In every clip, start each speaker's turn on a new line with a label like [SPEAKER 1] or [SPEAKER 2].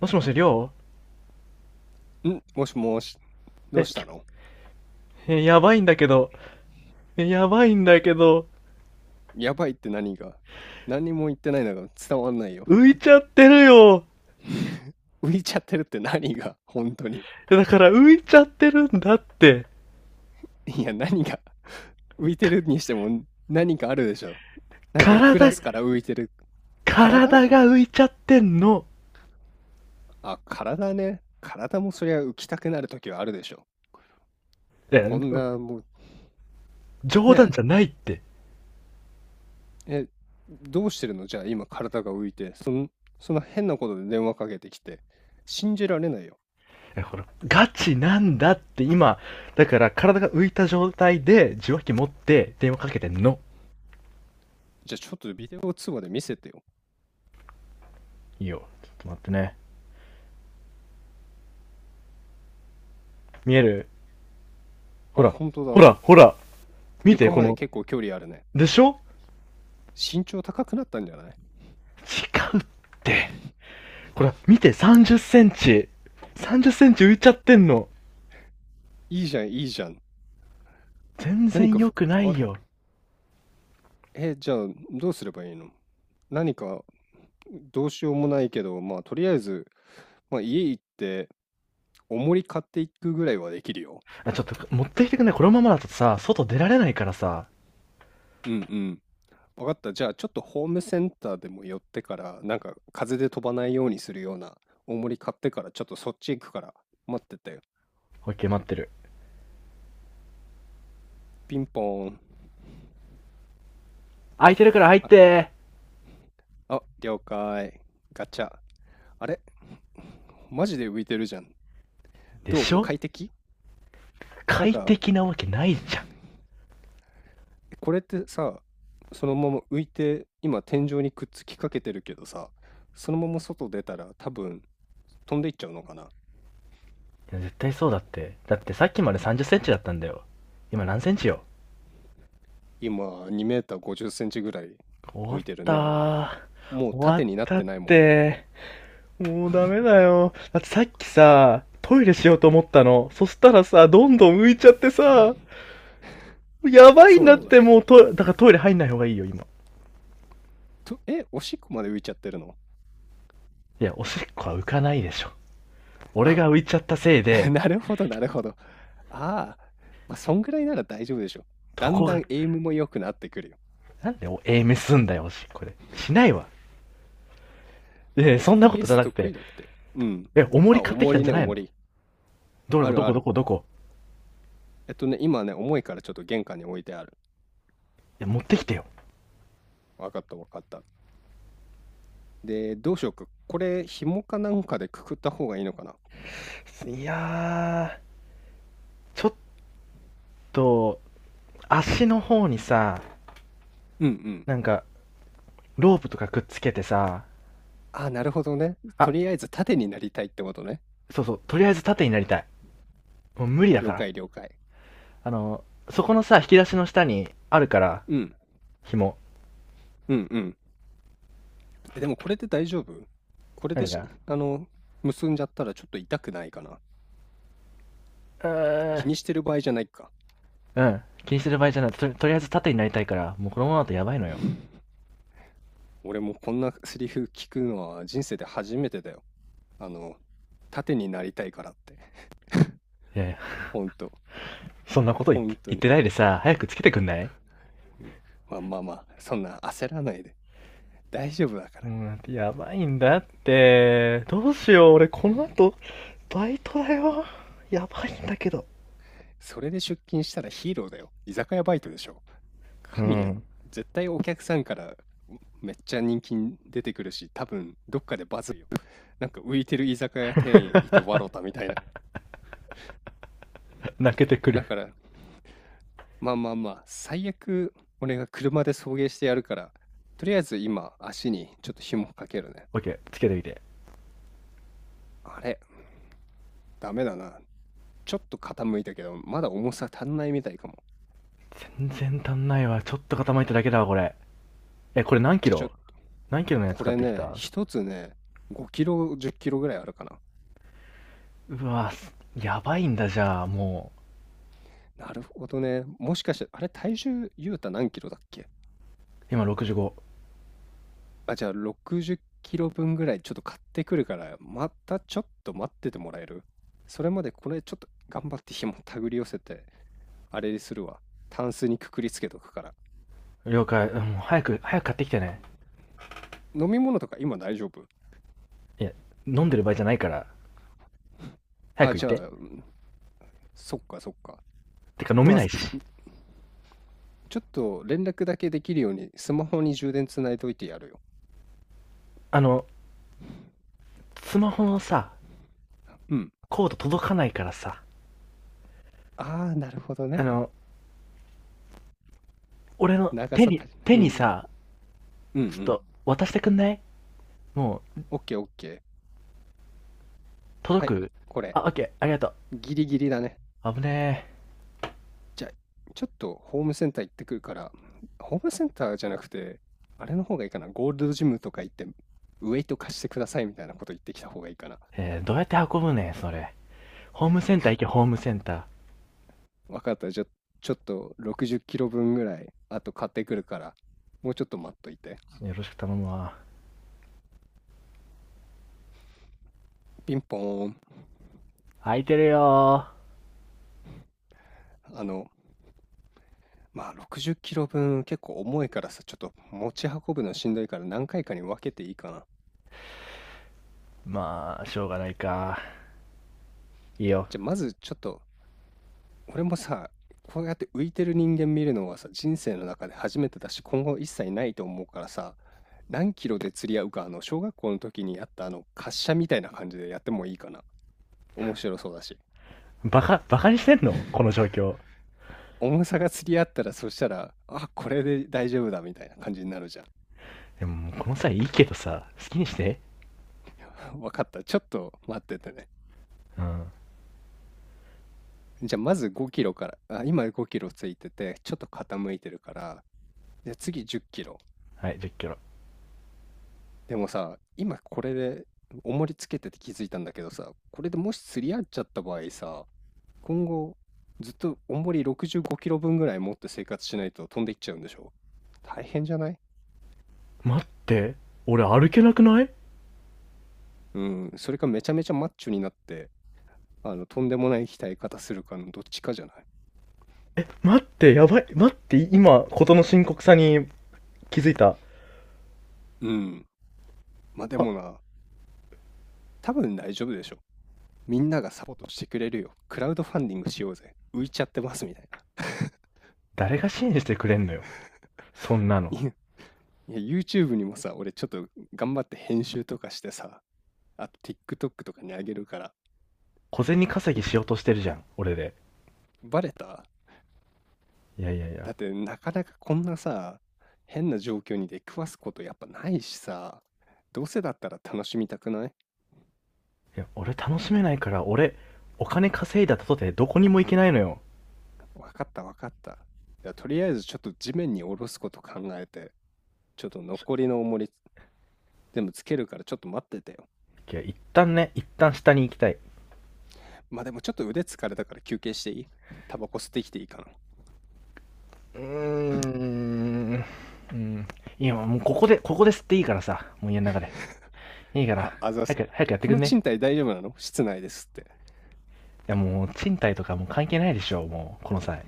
[SPEAKER 1] もしもし、りょう。
[SPEAKER 2] ん、もしもし、どう
[SPEAKER 1] え、
[SPEAKER 2] したの？
[SPEAKER 1] え、やばいんだけど。え、やばいんだけど。
[SPEAKER 2] やばいって何が？何にも言ってないのが伝わんないよ。
[SPEAKER 1] 浮いちゃってるよ。
[SPEAKER 2] 浮いちゃってるって何が本当に。
[SPEAKER 1] だから浮いちゃってるんだって。
[SPEAKER 2] いや、何が？浮いてるにしても何かあるでしょ。なんかクラ
[SPEAKER 1] 体、
[SPEAKER 2] スから浮いてる。体
[SPEAKER 1] 体が浮いちゃってんの。
[SPEAKER 2] あ、体ね。体もそりゃ浮きたくなる時はあるでしょ。
[SPEAKER 1] え、
[SPEAKER 2] こんな、もう、
[SPEAKER 1] 冗
[SPEAKER 2] ね
[SPEAKER 1] 談じゃないって。
[SPEAKER 2] え。え、どうしてるの？じゃあ今体が浮いて、そんな変なことで電話かけてきて。信じられないよ。
[SPEAKER 1] え、ほら、ガチなんだって今。だから体が浮いた状態で受話器持って電話かけてんの。
[SPEAKER 2] じゃあちょっとビデオ通話で見せてよ。
[SPEAKER 1] いいよ。ちょっと待ってね。見える？ほ
[SPEAKER 2] あ、
[SPEAKER 1] ら、
[SPEAKER 2] 本当
[SPEAKER 1] ほら、
[SPEAKER 2] だ。
[SPEAKER 1] ほら。見て、
[SPEAKER 2] 床
[SPEAKER 1] こ
[SPEAKER 2] まで
[SPEAKER 1] の。
[SPEAKER 2] 結構距離あるね。
[SPEAKER 1] でしょ？
[SPEAKER 2] 身長高くなったんじゃない？
[SPEAKER 1] 違うって。ほら、見て、30センチ。30センチ浮いちゃってんの。
[SPEAKER 2] いいじゃん、いいじゃん。
[SPEAKER 1] 全
[SPEAKER 2] 何
[SPEAKER 1] 然
[SPEAKER 2] か
[SPEAKER 1] 良
[SPEAKER 2] ふ、
[SPEAKER 1] くない
[SPEAKER 2] あ、
[SPEAKER 1] よ。
[SPEAKER 2] え、じゃあどうすればいいの？何か、どうしようもないけど、まあとりあえず、まあ家行って重り買っていくぐらいはできるよ。
[SPEAKER 1] あ、ちょっと、持ってきてくんない？このままだとさ、外出られないからさ。
[SPEAKER 2] うんうん。わかった。じゃあちょっとホームセンターでも寄ってから、なんか風で飛ばないようにするような重り買ってから、ちょっとそっち行くから待ってて。
[SPEAKER 1] オッケー、待ってる。
[SPEAKER 2] ピンポーン。
[SPEAKER 1] 空いてるから入っ
[SPEAKER 2] あ、
[SPEAKER 1] て。
[SPEAKER 2] あ、了解。ガチャ。あれ、マジで浮いてるじゃん。
[SPEAKER 1] ーで
[SPEAKER 2] ど
[SPEAKER 1] し
[SPEAKER 2] う？
[SPEAKER 1] ょ？
[SPEAKER 2] 快適？なん
[SPEAKER 1] 快
[SPEAKER 2] か、
[SPEAKER 1] 適なわけないじゃん。
[SPEAKER 2] これってさ、そのまま浮いて、今天井にくっつきかけてるけどさ、そのまま外出たら多分飛んでいっちゃうのかな？
[SPEAKER 1] 絶対そうだって。だってさっきまで30センチだったんだよ。今何センチよ？
[SPEAKER 2] 今2メーター50センチぐらい
[SPEAKER 1] 終わ
[SPEAKER 2] 浮
[SPEAKER 1] っ
[SPEAKER 2] いてるね。
[SPEAKER 1] た
[SPEAKER 2] もう
[SPEAKER 1] ー。終わっ
[SPEAKER 2] 縦になっ
[SPEAKER 1] た
[SPEAKER 2] て
[SPEAKER 1] っ
[SPEAKER 2] ないもん。
[SPEAKER 1] て。もうダメだよ。だってさっきさ、トイレしようと思ったの。そしたらさ、どんどん浮いちゃってさ、やばいん
[SPEAKER 2] そう
[SPEAKER 1] だっ
[SPEAKER 2] だね。
[SPEAKER 1] て、もうト、だからトイレ入んない方がいいよ、今。
[SPEAKER 2] と、おしっこまで浮いちゃってるの？
[SPEAKER 1] いや、おしっこは浮かないでしょ。俺
[SPEAKER 2] あ、
[SPEAKER 1] が浮いちゃったせい で、
[SPEAKER 2] なるほど、なるほど。ああ、まあ、そんぐらいなら大丈夫でしょ。
[SPEAKER 1] ど
[SPEAKER 2] だん
[SPEAKER 1] こ
[SPEAKER 2] だん
[SPEAKER 1] が、
[SPEAKER 2] エイムも良くなってくるよ。
[SPEAKER 1] なんでお、エメすんだよ、おしっこで。しないわ。え、そんなことじゃ
[SPEAKER 2] FPS
[SPEAKER 1] なく
[SPEAKER 2] 得
[SPEAKER 1] て、
[SPEAKER 2] 意だって。うん。
[SPEAKER 1] え、重り
[SPEAKER 2] あ、
[SPEAKER 1] 買ってき
[SPEAKER 2] 重
[SPEAKER 1] たん
[SPEAKER 2] り
[SPEAKER 1] じゃ
[SPEAKER 2] ね、
[SPEAKER 1] ない
[SPEAKER 2] 重
[SPEAKER 1] の？
[SPEAKER 2] り。
[SPEAKER 1] ど
[SPEAKER 2] あ
[SPEAKER 1] こ、ど
[SPEAKER 2] る
[SPEAKER 1] こ
[SPEAKER 2] あ
[SPEAKER 1] ど
[SPEAKER 2] る。
[SPEAKER 1] こどこ？
[SPEAKER 2] 今ね、重いからちょっと玄関に置いてある。
[SPEAKER 1] いや、持ってきてよ。
[SPEAKER 2] わかったわかった。で、どうしようか。これ、紐かなんかでくくった方がいいのかな。
[SPEAKER 1] いやー、ちょっと、足の方にさ、
[SPEAKER 2] うんうん。
[SPEAKER 1] なんか、ロープとかくっつけてさ、
[SPEAKER 2] あ、なるほどね。と
[SPEAKER 1] あ、
[SPEAKER 2] りあえず縦になりたいってことね。
[SPEAKER 1] そうそう、とりあえず縦になりたい。もう無理だ
[SPEAKER 2] 了
[SPEAKER 1] から。
[SPEAKER 2] 解了解。
[SPEAKER 1] あの、そこのさ、引き出しの下にあるから、
[SPEAKER 2] うん。
[SPEAKER 1] 紐。
[SPEAKER 2] うんうん。え、でもこれで大丈夫？これで
[SPEAKER 1] 何
[SPEAKER 2] し、
[SPEAKER 1] か？
[SPEAKER 2] あの、結んじゃったらちょっと痛くないかな。
[SPEAKER 1] う
[SPEAKER 2] 気に
[SPEAKER 1] ん
[SPEAKER 2] してる場合じゃないか。
[SPEAKER 1] うん、気にする場合じゃないと、とりあえず縦になりたいから、もうこのままだとやばいのよ。
[SPEAKER 2] 俺もこんなセリフ聞くのは人生で初めてだよ。あの、縦になりたいからって、
[SPEAKER 1] いやいや、
[SPEAKER 2] 本当、
[SPEAKER 1] そんなこと言って
[SPEAKER 2] 本当
[SPEAKER 1] 言っ
[SPEAKER 2] に。
[SPEAKER 1] てないでさ、早くつけてくんない？
[SPEAKER 2] うん、まあまあまあ、そんな焦らないで。大丈夫だか
[SPEAKER 1] う
[SPEAKER 2] ら。
[SPEAKER 1] ん、やばいんだって。どうしよう、俺この後、バイトだよ。やばいんだけど。
[SPEAKER 2] それで出勤したらヒーローだよ。居酒屋バイトでしょ。
[SPEAKER 1] う
[SPEAKER 2] 神やん。
[SPEAKER 1] ん。
[SPEAKER 2] 絶対お客さんからめっちゃ人気に出てくるし、多分どっかでバズるよ。なんか浮いてる居酒屋店員いて笑ったみたいな。
[SPEAKER 1] 泣けてくる。
[SPEAKER 2] だから、まあまあまあ、最悪俺が車で送迎してやるから、とりあえず今足にちょっと紐かけるね。
[SPEAKER 1] オッケー、つけてみて。
[SPEAKER 2] あれ、ダメだな。ちょっと傾いたけど、まだ重さ足んないみたいかも。
[SPEAKER 1] 全然足んないわ、ちょっと傾いただけだわ、これ。え、これ何キ
[SPEAKER 2] じゃ、ちょ、
[SPEAKER 1] ロ？何キロのやつ
[SPEAKER 2] こ
[SPEAKER 1] 買
[SPEAKER 2] れ
[SPEAKER 1] ってき
[SPEAKER 2] ね、
[SPEAKER 1] た？
[SPEAKER 2] 一つね、5キロ、10キロぐらいあるかな。
[SPEAKER 1] うわ、すやばいんだ、じゃあも
[SPEAKER 2] なるほどね。もしかして、あれ、体重、ゆうた何キロだっけ？
[SPEAKER 1] う。今65。
[SPEAKER 2] あ、じゃあ、60キロ分ぐらいちょっと買ってくるから、またちょっと待っててもらえる？それまでこれちょっと頑張って紐手繰り寄せて、あれにするわ。タンスにくくりつけとくから。
[SPEAKER 1] 了解。うん、もう早く早く買ってきてね。
[SPEAKER 2] 飲み物とか今大丈夫？
[SPEAKER 1] いや、飲んでる場合じゃないから、早
[SPEAKER 2] あ、
[SPEAKER 1] く行っ
[SPEAKER 2] じゃ
[SPEAKER 1] て。
[SPEAKER 2] あ、うん、そっかそっか。
[SPEAKER 1] てか飲め
[SPEAKER 2] まあ、
[SPEAKER 1] ないし。
[SPEAKER 2] ちょっと連絡だけできるようにスマホに充電つないおいてやるよ。
[SPEAKER 1] あの、スマホのさ、
[SPEAKER 2] うん。
[SPEAKER 1] コード届かないからさ、
[SPEAKER 2] ああ、なるほど
[SPEAKER 1] あ
[SPEAKER 2] ね。
[SPEAKER 1] の、俺の
[SPEAKER 2] 長
[SPEAKER 1] 手
[SPEAKER 2] さ
[SPEAKER 1] に、
[SPEAKER 2] 足
[SPEAKER 1] 手
[SPEAKER 2] りない。う
[SPEAKER 1] に
[SPEAKER 2] ん。
[SPEAKER 1] さ、
[SPEAKER 2] うんう
[SPEAKER 1] ちょっ
[SPEAKER 2] ん。
[SPEAKER 1] と渡してくんない？もう。
[SPEAKER 2] オッケーオッケー。
[SPEAKER 1] 届
[SPEAKER 2] はい。
[SPEAKER 1] く？
[SPEAKER 2] こ
[SPEAKER 1] あ、オ
[SPEAKER 2] れ、
[SPEAKER 1] ッケー、ありがと
[SPEAKER 2] ギリギリだね。
[SPEAKER 1] う。危ねえ。
[SPEAKER 2] じゃあ、ちょっとホームセンター行ってくるから、ホームセンターじゃなくて、あれの方がいいかな。ゴールドジムとか行って、ウェイト貸してくださいみたいなこと言ってきた方がいいかな。
[SPEAKER 1] どうやって運ぶねん、それ。ホームセンター行け、ホームセンタ
[SPEAKER 2] わかった。じゃあ、ちょっと60キロ分ぐらい、あと買ってくるから、もうちょっと待っといて。
[SPEAKER 1] ー。よろしく頼むわ。
[SPEAKER 2] ピンポーン。
[SPEAKER 1] 空いてるよー。
[SPEAKER 2] あの、まあ、60キロ分結構重いからさ、ちょっと持ち運ぶのしんどいから何回かに分けていいかな。
[SPEAKER 1] まあ、しょうがないか。いいよ。
[SPEAKER 2] じゃあまずちょっと、俺もさ、こうやって浮いてる人間見るのはさ、人生の中で初めてだし、今後一切ないと思うからさ、何キロで釣り合うか、小学校の時にやったあの、滑車みたいな感じでやってもいいかな。面白そうだし。
[SPEAKER 1] バカ、バカにしてんのこの状況。
[SPEAKER 2] 重さが釣り合ったら、そしたら、あ、これで大丈夫だみたいな感じになるじゃん。
[SPEAKER 1] でも、もうこの際いいけどさ、好きにして。
[SPEAKER 2] わかった。ちょっと待っててね。
[SPEAKER 1] うん。
[SPEAKER 2] じゃあまず5キロから、あ、今5キロついてて、ちょっと傾いてるから、じゃあ次10キロ。
[SPEAKER 1] はい、10キロ。
[SPEAKER 2] でもさ、今これで重りつけてて気づいたんだけどさ、これでもし釣り合っちゃった場合さ、今後ずっと重り65キロ分ぐらい持って生活しないと飛んでいっちゃうんでしょ？大変じゃない？
[SPEAKER 1] 待って、俺歩けなくない？
[SPEAKER 2] うん、それかめちゃめちゃマッチョになって、とんでもない鍛え方するかのどっちかじゃない？
[SPEAKER 1] 待って、やばい。待って、今、ことの深刻さに気づいた。
[SPEAKER 2] うん。まあで
[SPEAKER 1] あ、
[SPEAKER 2] もな、多分大丈夫でしょ。みんながサポートしてくれるよ。クラウドファンディングしようぜ。浮いちゃってますみたいな。
[SPEAKER 1] 誰が支援してくれんのよ。そんな の。
[SPEAKER 2] いや、YouTube にもさ、俺ちょっと頑張って編集とかしてさ、あと TikTok とかにあげるから。
[SPEAKER 1] 小銭稼
[SPEAKER 2] い
[SPEAKER 1] ぎしようとしてるじゃん、俺で。
[SPEAKER 2] バレた？
[SPEAKER 1] いやいやいや。
[SPEAKER 2] だってなかなかこんなさ、変な状況に出くわすことやっぱないしさ、どうせだったら楽しみたくない？
[SPEAKER 1] いや、俺楽しめないから、俺、お金稼いだとてどこにも行けないのよ。
[SPEAKER 2] わかったわかった。じゃあとりあえずちょっと地面に下ろすこと考えて、ちょっと残りの重り全部つけるからちょっと待っててよ。
[SPEAKER 1] いや、一旦ね、一旦下に行きたい。
[SPEAKER 2] まあでもちょっと腕疲れたから休憩していい？ タバコ吸ってきていいかな？
[SPEAKER 1] うーん。うん。いや、もうここで、ここで吸っていいからさ。もう家の中で。いいから。
[SPEAKER 2] あ、あざ
[SPEAKER 1] 早
[SPEAKER 2] す。
[SPEAKER 1] く、早くやって
[SPEAKER 2] こ
[SPEAKER 1] くん
[SPEAKER 2] の
[SPEAKER 1] ね？
[SPEAKER 2] 賃貸大丈夫なの？室内ですって。
[SPEAKER 1] やもう、賃貸とかもう関係ないでしょ、もう、この際。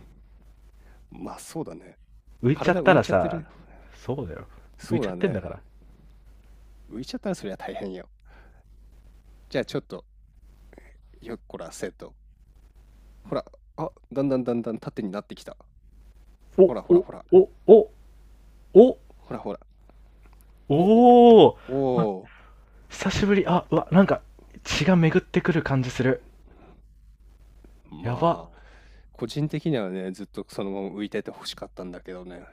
[SPEAKER 2] まあそうだね。
[SPEAKER 1] 浮いちゃっ
[SPEAKER 2] 体
[SPEAKER 1] た
[SPEAKER 2] 浮い
[SPEAKER 1] ら
[SPEAKER 2] ちゃって
[SPEAKER 1] さ、
[SPEAKER 2] る。
[SPEAKER 1] そうだよ。浮い
[SPEAKER 2] そう
[SPEAKER 1] ちゃっ
[SPEAKER 2] だ
[SPEAKER 1] てんだ
[SPEAKER 2] ね。
[SPEAKER 1] から。
[SPEAKER 2] 浮いちゃったらそりゃ大変よ。じゃあちょっと、よっこら、せと、ほら、あ、だんだんだんだん縦になってきた。
[SPEAKER 1] お、
[SPEAKER 2] ほらほら
[SPEAKER 1] お、
[SPEAKER 2] ほら、
[SPEAKER 1] お、お、お、
[SPEAKER 2] ほらほら。お、
[SPEAKER 1] おお、ま、
[SPEAKER 2] おー。
[SPEAKER 1] 久しぶり。あ、うわ、なんか、血が巡ってくる感じする。や
[SPEAKER 2] ま
[SPEAKER 1] ば。
[SPEAKER 2] あ、個人的にはね、ずっとそのまま浮いてて欲しかったんだけどね。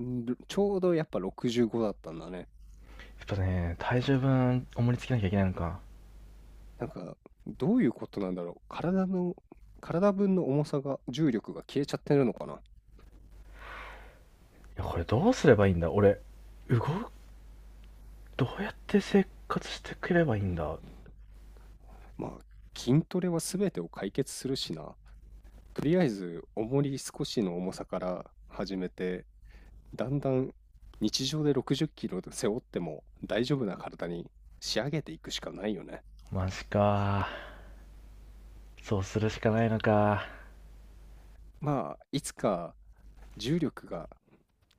[SPEAKER 2] ちょうどやっぱ65だったんだね。
[SPEAKER 1] やっぱね、体重分、重りつけなきゃいけないのか。
[SPEAKER 2] なんか、どういうことなんだろう。体の、体分の重さが、重力が消えちゃってるのかな。
[SPEAKER 1] いや、これどうすればいいんだ俺、動く、どうやって生活してくればいいんだ？
[SPEAKER 2] まあ、筋トレは全てを解決するしな。とりあえず、重り少しの重さから始めて、だんだん日常で60キロ背負っても大丈夫な体に仕上げていくしかないよね。
[SPEAKER 1] マジか。そうするしかないのか。
[SPEAKER 2] まあ、いつか重力が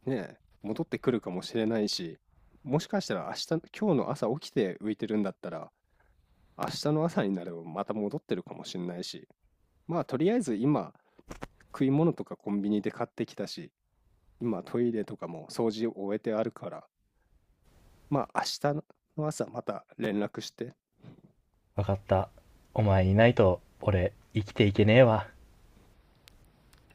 [SPEAKER 2] ね、戻ってくるかもしれないし、もしかしたら明日、今日の朝起きて浮いてるんだったら、明日の朝になればまた戻ってるかもしれないし、まあとりあえず今食い物とかコンビニで買ってきたし、今トイレとかも掃除を終えてあるから、まあ明日の朝また連絡して
[SPEAKER 1] わかった。お前いないと、俺、生きていけねえわ。